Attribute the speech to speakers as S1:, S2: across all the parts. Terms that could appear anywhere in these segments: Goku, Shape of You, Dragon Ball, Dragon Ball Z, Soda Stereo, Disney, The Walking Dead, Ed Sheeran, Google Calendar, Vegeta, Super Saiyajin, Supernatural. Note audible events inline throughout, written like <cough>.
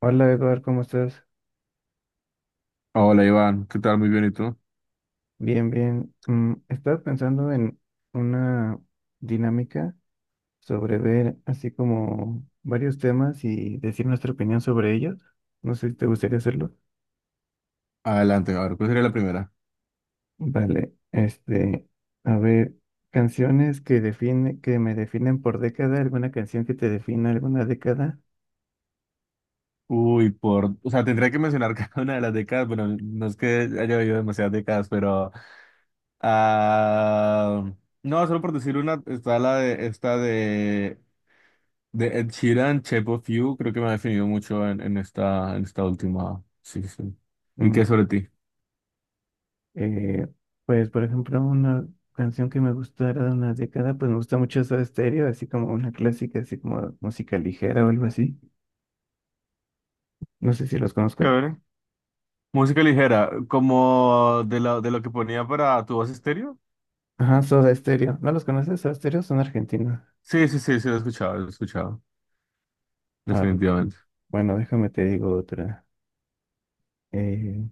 S1: Hola Eduardo, ¿cómo estás?
S2: Hola Iván, ¿qué tal? Muy bien, ¿y tú?
S1: Bien, bien. Estaba pensando en una dinámica sobre ver así como varios temas y decir nuestra opinión sobre ellos. No sé si te gustaría hacerlo.
S2: Adelante, a ver, ¿cuál sería la primera?
S1: Vale, a ver, canciones que me definen por década, alguna canción que te defina alguna década.
S2: Uy, por, o sea, tendría que mencionar <laughs> cada una de las décadas. Bueno, no es que haya habido demasiadas décadas, pero, ah, no, solo por decir una, está la de, esta de Ed Sheeran, Shape of You, creo que me ha definido mucho en esta última, sí, sí. Sí. ¿Y
S1: Mm,
S2: qué sobre ti?
S1: Eh, pues, por ejemplo, una canción que me gustó era de una década, pues me gusta mucho Soda Stereo, así como una clásica, así como música ligera o algo así. No sé si los conozco.
S2: A ver. Música ligera, como de lo que ponía para tu voz estéreo.
S1: Ajá, Soda Stereo. ¿No los conoces? Soda Stereo son argentinos.
S2: Sí, sí, sí, sí, lo he escuchado,
S1: Ah, ok.
S2: definitivamente.
S1: Bueno, déjame te digo otra. Eh,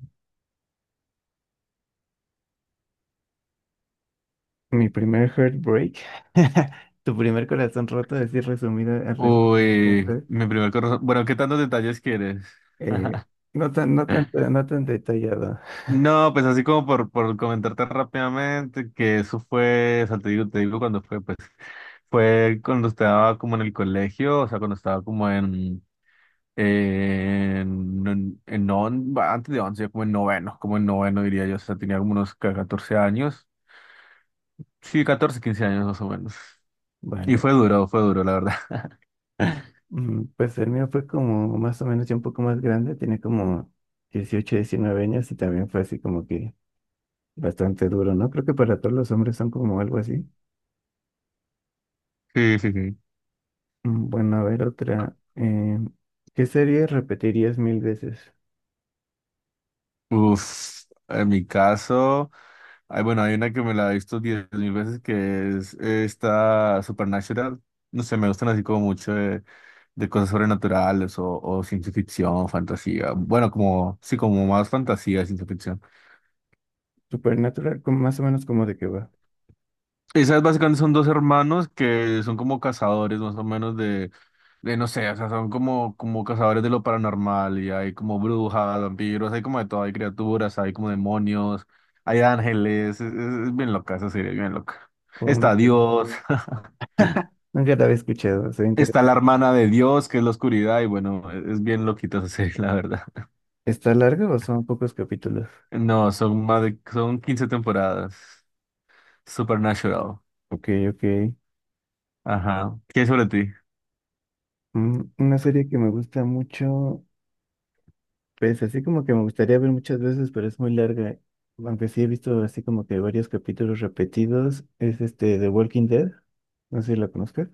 S1: mi primer heartbreak, <laughs> tu primer corazón roto, decir resumido al res-
S2: Uy, mi primer corazón. Bueno, ¿qué tantos detalles quieres?
S1: Eh, no tan detallado. <laughs>
S2: No, pues así como por comentarte rápidamente, que eso fue, o sea, te digo cuando fue, pues, fue cuando estaba como en el colegio, o sea, cuando estaba como en non- antes de once, como en noveno diría yo, o sea, tenía como unos ca- 14 años, sí, 14 15 años más o menos. Y
S1: Vale.
S2: fue duro, la verdad. <laughs>
S1: Pues el mío fue como más o menos ya un poco más grande, tenía como 18 19 años y también fue así como que bastante duro, ¿no? Creo que para todos los hombres son como algo así.
S2: Sí, sí, sí.
S1: Bueno, a ver otra. ¿Qué serie repetirías mil veces?
S2: Uf, en mi caso, hay, bueno, hay una que me la he visto diez mil veces, que es esta Supernatural. No sé, me gustan así como mucho de cosas sobrenaturales o ciencia ficción, fantasía. Bueno, como, sí, como más fantasía, ciencia ficción.
S1: Supernatural, como más o menos como de qué va.
S2: Esas básicamente son dos hermanos que son como cazadores más o menos de no sé, o sea, son como, como cazadores de lo paranormal, y hay como brujas, vampiros, hay como de todo, hay criaturas, hay como demonios, hay ángeles, es bien loca esa serie, bien loca.
S1: O no,
S2: Está
S1: creo.
S2: Dios, <laughs>
S1: No, ya la había escuchado, soy
S2: está la
S1: interesante.
S2: hermana de Dios, que es la oscuridad, y bueno, es bien loquita esa serie, <laughs> la verdad.
S1: ¿Está larga o son pocos capítulos?
S2: No, son más de, son 15 temporadas. Supernatural.
S1: Ok, ok.
S2: Ajá. ¿Qué es sobre ti?
S1: Una serie que me gusta mucho. Pues así como que me gustaría ver muchas veces, pero es muy larga. Aunque sí he visto así como que varios capítulos repetidos. Es este The Walking Dead. No sé si la conozcas.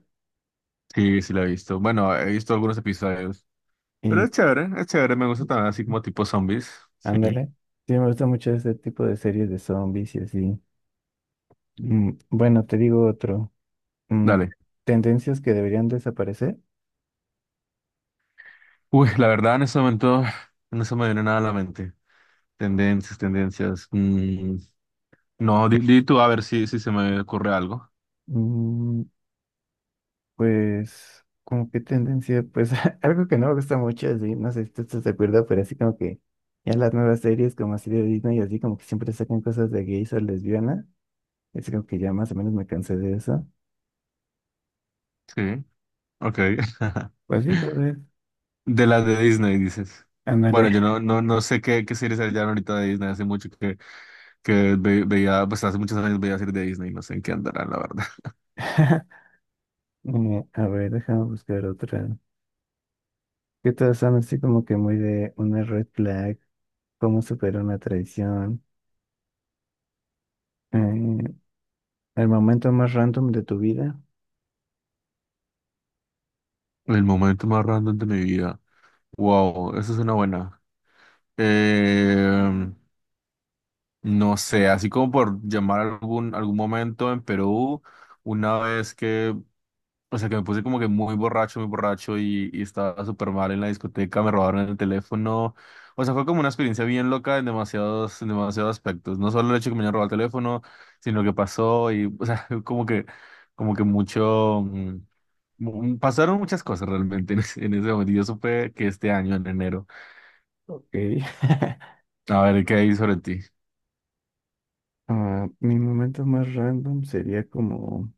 S2: Sí, sí la he visto. Bueno, he visto algunos episodios. Pero
S1: Y
S2: es chévere, me gusta también así como tipo zombies. Sí.
S1: ándale. Sí, me gusta mucho ese tipo de series de zombies y así. Bueno, te digo otro. Mm,
S2: Dale.
S1: tendencias que deberían desaparecer.
S2: Uy, la verdad en ese momento no se me viene nada a la mente. Tendencias, tendencias. No, di, di tú a ver si, si se me ocurre algo.
S1: Mm, Pues, como que tendencia, pues <laughs> algo que no me gusta mucho, así, no sé si tú estás de acuerdo, pero así como que ya las nuevas series como así de Disney, así como que siempre sacan cosas de gays o lesbianas así como que ya más o menos me cansé de eso.
S2: Sí, ok. <laughs>
S1: Pues sí, tal vez,
S2: De las de Disney, dices. Bueno,
S1: ándale.
S2: yo no, no, no sé qué, qué series hayan ahorita de Disney. Hace mucho que ve- veía, pues hace muchos años veía series de Disney. No sé en qué andarán, la verdad. <laughs>
S1: <laughs> A ver, déjame buscar otra. Que todas son así como que muy de una red flag, cómo superar una traición, eh, el momento más random de tu vida.
S2: El momento más random de mi vida. Wow, esa es una buena. Eh, No sé, así como por llamar algún, algún momento en Perú, una vez que, o sea, que me puse como que muy borracho y estaba súper mal en la discoteca, me robaron el teléfono. O sea, fue como una experiencia bien loca en demasiados aspectos. No solo el hecho de que me hayan robado el teléfono, sino que pasó y, o sea, <laughs> como que mucho, mu- pasaron muchas cosas realmente en ese momento. Yo supe que este año, en enero.
S1: Ok. <laughs>
S2: A ver, ¿qué hay sobre ti?
S1: Ah, mi momento más random sería como,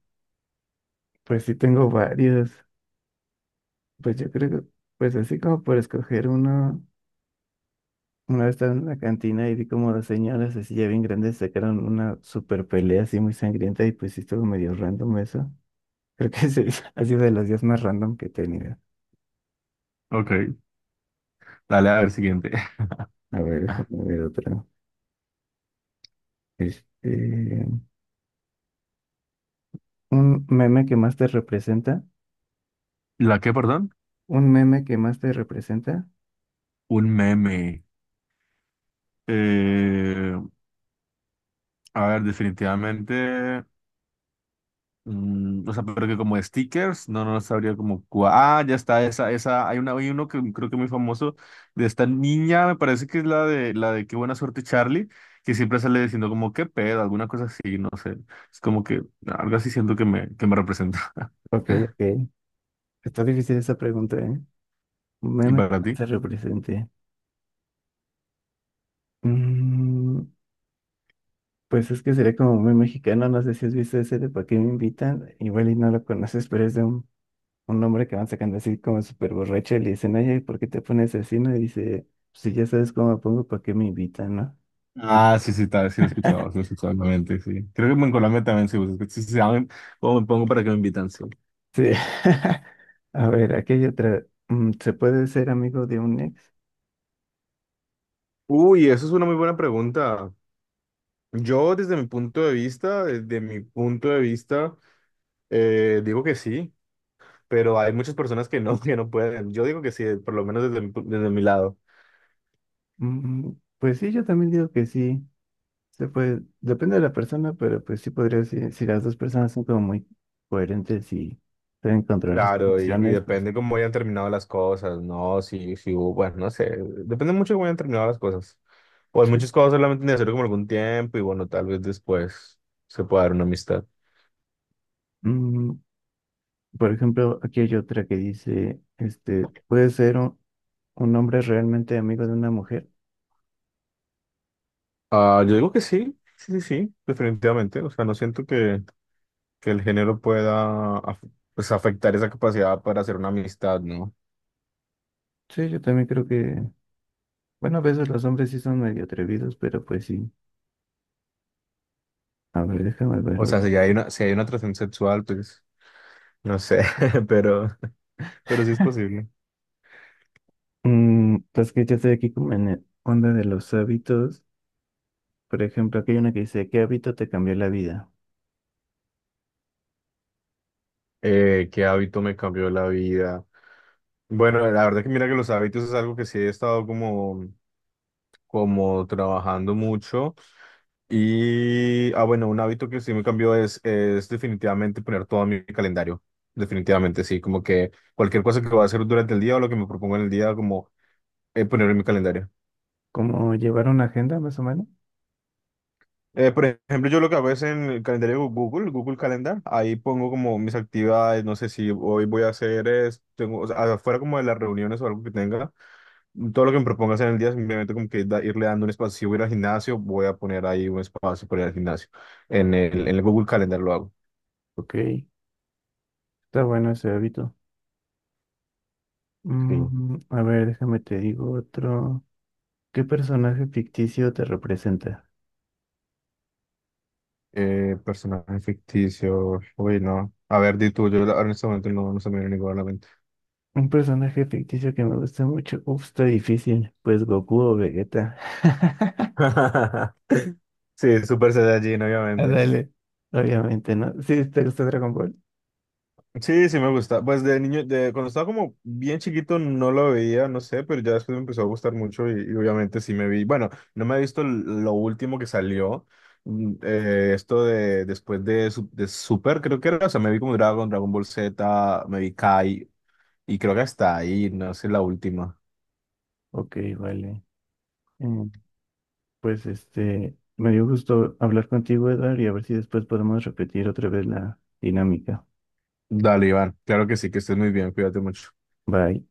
S1: pues sí tengo varios, pues yo creo que, pues así como por escoger uno, una vez estaba en la cantina y vi como dos señoras así ya bien grandes sacaron una super pelea así muy sangrienta y pues sí estuvo medio random eso. Creo que ese <laughs> ha sido de los días más random que he tenido.
S2: Ok. Dale, a ver, siguiente. <laughs>
S1: A ver, déjame ver otra. Este, un meme que más te representa,
S2: ¿La qué, perdón?
S1: un meme que más te representa.
S2: Un meme. Eh, a ver, definitivamente. O sea, pero que como stickers, no, no sabría como. Cua- ah, ya está, esa, esa. Hay una, hay uno que creo que es muy famoso, de esta niña, me parece que es la de Qué buena suerte, Charlie, que siempre sale diciendo como qué pedo, alguna cosa así, no sé. Es como que algo así siento que me representa. <laughs>
S1: Ok, ok. Está difícil esa pregunta, ¿eh? Un
S2: ¿Y
S1: meme que
S2: para ti?
S1: se represente. Mm, pues es que sería como muy mexicano, no sé si has visto ese de ¿Para qué me invitan? Igual y no lo conoces, pero es de un hombre que van sacando así como súper borracho y le dicen, oye, ¿por qué te pones así? No, y dice, "Pues si ya sabes cómo me pongo, ¿para qué me invitan, no? Y-
S2: Ah, sí, sí, tal, sí lo he escuchado,
S1: <laughs>
S2: sí lo he escuchado, obviamente, sí. Creo que en Colombia también se usa, es que sí, sí, saben cómo me pongo para que me invitan, sí.
S1: Sí. <laughs> A ver, aquí hay otra. ¿Se puede ser amigo de un ex?
S2: Uy, eso es una muy buena pregunta. Yo desde mi punto de vista, desde mi punto de vista, digo que sí, pero hay muchas personas que no, <laughs> que no pueden. Yo digo que sí, por lo menos desde mi, pu- desde mi lado.
S1: Mm, pues sí, yo también digo que sí. Sí, pues depende de la persona, pero pues sí podría decir, si las dos personas son como muy coherentes y saben controlar sus
S2: Claro, y
S1: emociones, pues
S2: depende cómo hayan terminado las cosas, ¿no? Si, si hubo, bueno, no sé, depende mucho de cómo hayan terminado las cosas. O hay
S1: sí.
S2: muchas cosas solamente necesario como algún tiempo, y bueno, tal vez después se pueda dar una amistad.
S1: Mm, por ejemplo, aquí hay otra que dice, este, ¿puede ser un hombre realmente amigo de una mujer?
S2: Ah, yo digo que sí, sí, sí, sí, definitivamente. O sea, no siento que el género pueda af- pues, afectar esa capacidad para hacer una amistad, ¿no?
S1: Sí, yo también creo que, bueno, a veces los hombres sí son medio atrevidos, pero pues sí. A ver, déjame ver.
S2: O
S1: Ot-
S2: sea, si hay una, si hay una atracción sexual, pues no sé, <laughs> pero, pero sí es posible.
S1: Pues que ya estoy aquí como en el onda de los hábitos. Por ejemplo, aquí hay una que dice, ¿qué hábito te cambió la vida?
S2: ¿Qué hábito me cambió la vida? Bueno, la verdad que mira que los hábitos es algo que sí he estado como, como trabajando mucho. Y, bueno, un hábito que sí me cambió es definitivamente poner todo en mi calendario. Definitivamente, sí, como que cualquier cosa que voy a hacer durante el día o lo que me propongo en el día, como ponerlo en mi calendario.
S1: Como llevar una agenda, más o menos.
S2: Por ejemplo, yo lo que hago es en el calendario de Google, Google Calendar, ahí pongo como mis actividades, no sé si hoy voy a hacer es, tengo, o sea, afuera como de las reuniones o algo que tenga, todo lo que me proponga hacer en el día, simplemente como que da- irle dando un espacio, si voy a ir al gimnasio, voy a poner ahí un espacio para ir al gimnasio, en el Google Calendar lo hago.
S1: Ok, está bueno ese hábito.
S2: Sí.
S1: A ver, déjame te digo otro. ¿Qué personaje ficticio te representa?
S2: Personaje ficticio, uy, no, a ver, di tú, yo ahora en este momento no, no se me viene ninguna a la mente.
S1: Un personaje ficticio que me gusta mucho. Uf, está difícil. Pues Goku o Vegeta. <laughs>
S2: <laughs> Sí, Super Saiyajin, obviamente.
S1: Ándale. Obviamente, ¿no? Sí, ¿te gusta Dragon Ball?
S2: Sí, sí me gusta. Pues de niño, de, cuando estaba como bien chiquito no lo veía, no sé, pero ya después me empezó a gustar mucho y obviamente sí me vi. Bueno, no me he visto l- lo último que salió, esto de después de, Su- de Super, creo que era, o sea, me vi como Dragon, Dragon Ball Z, me vi Kai, y creo que hasta ahí, no sé, la última.
S1: Ok, vale. Mm, Pues me dio gusto hablar contigo, Edward, y a ver si después podemos repetir otra vez la dinámica.
S2: Dale, Iván, claro que sí, que estés muy bien, cuídate mucho.
S1: Bye.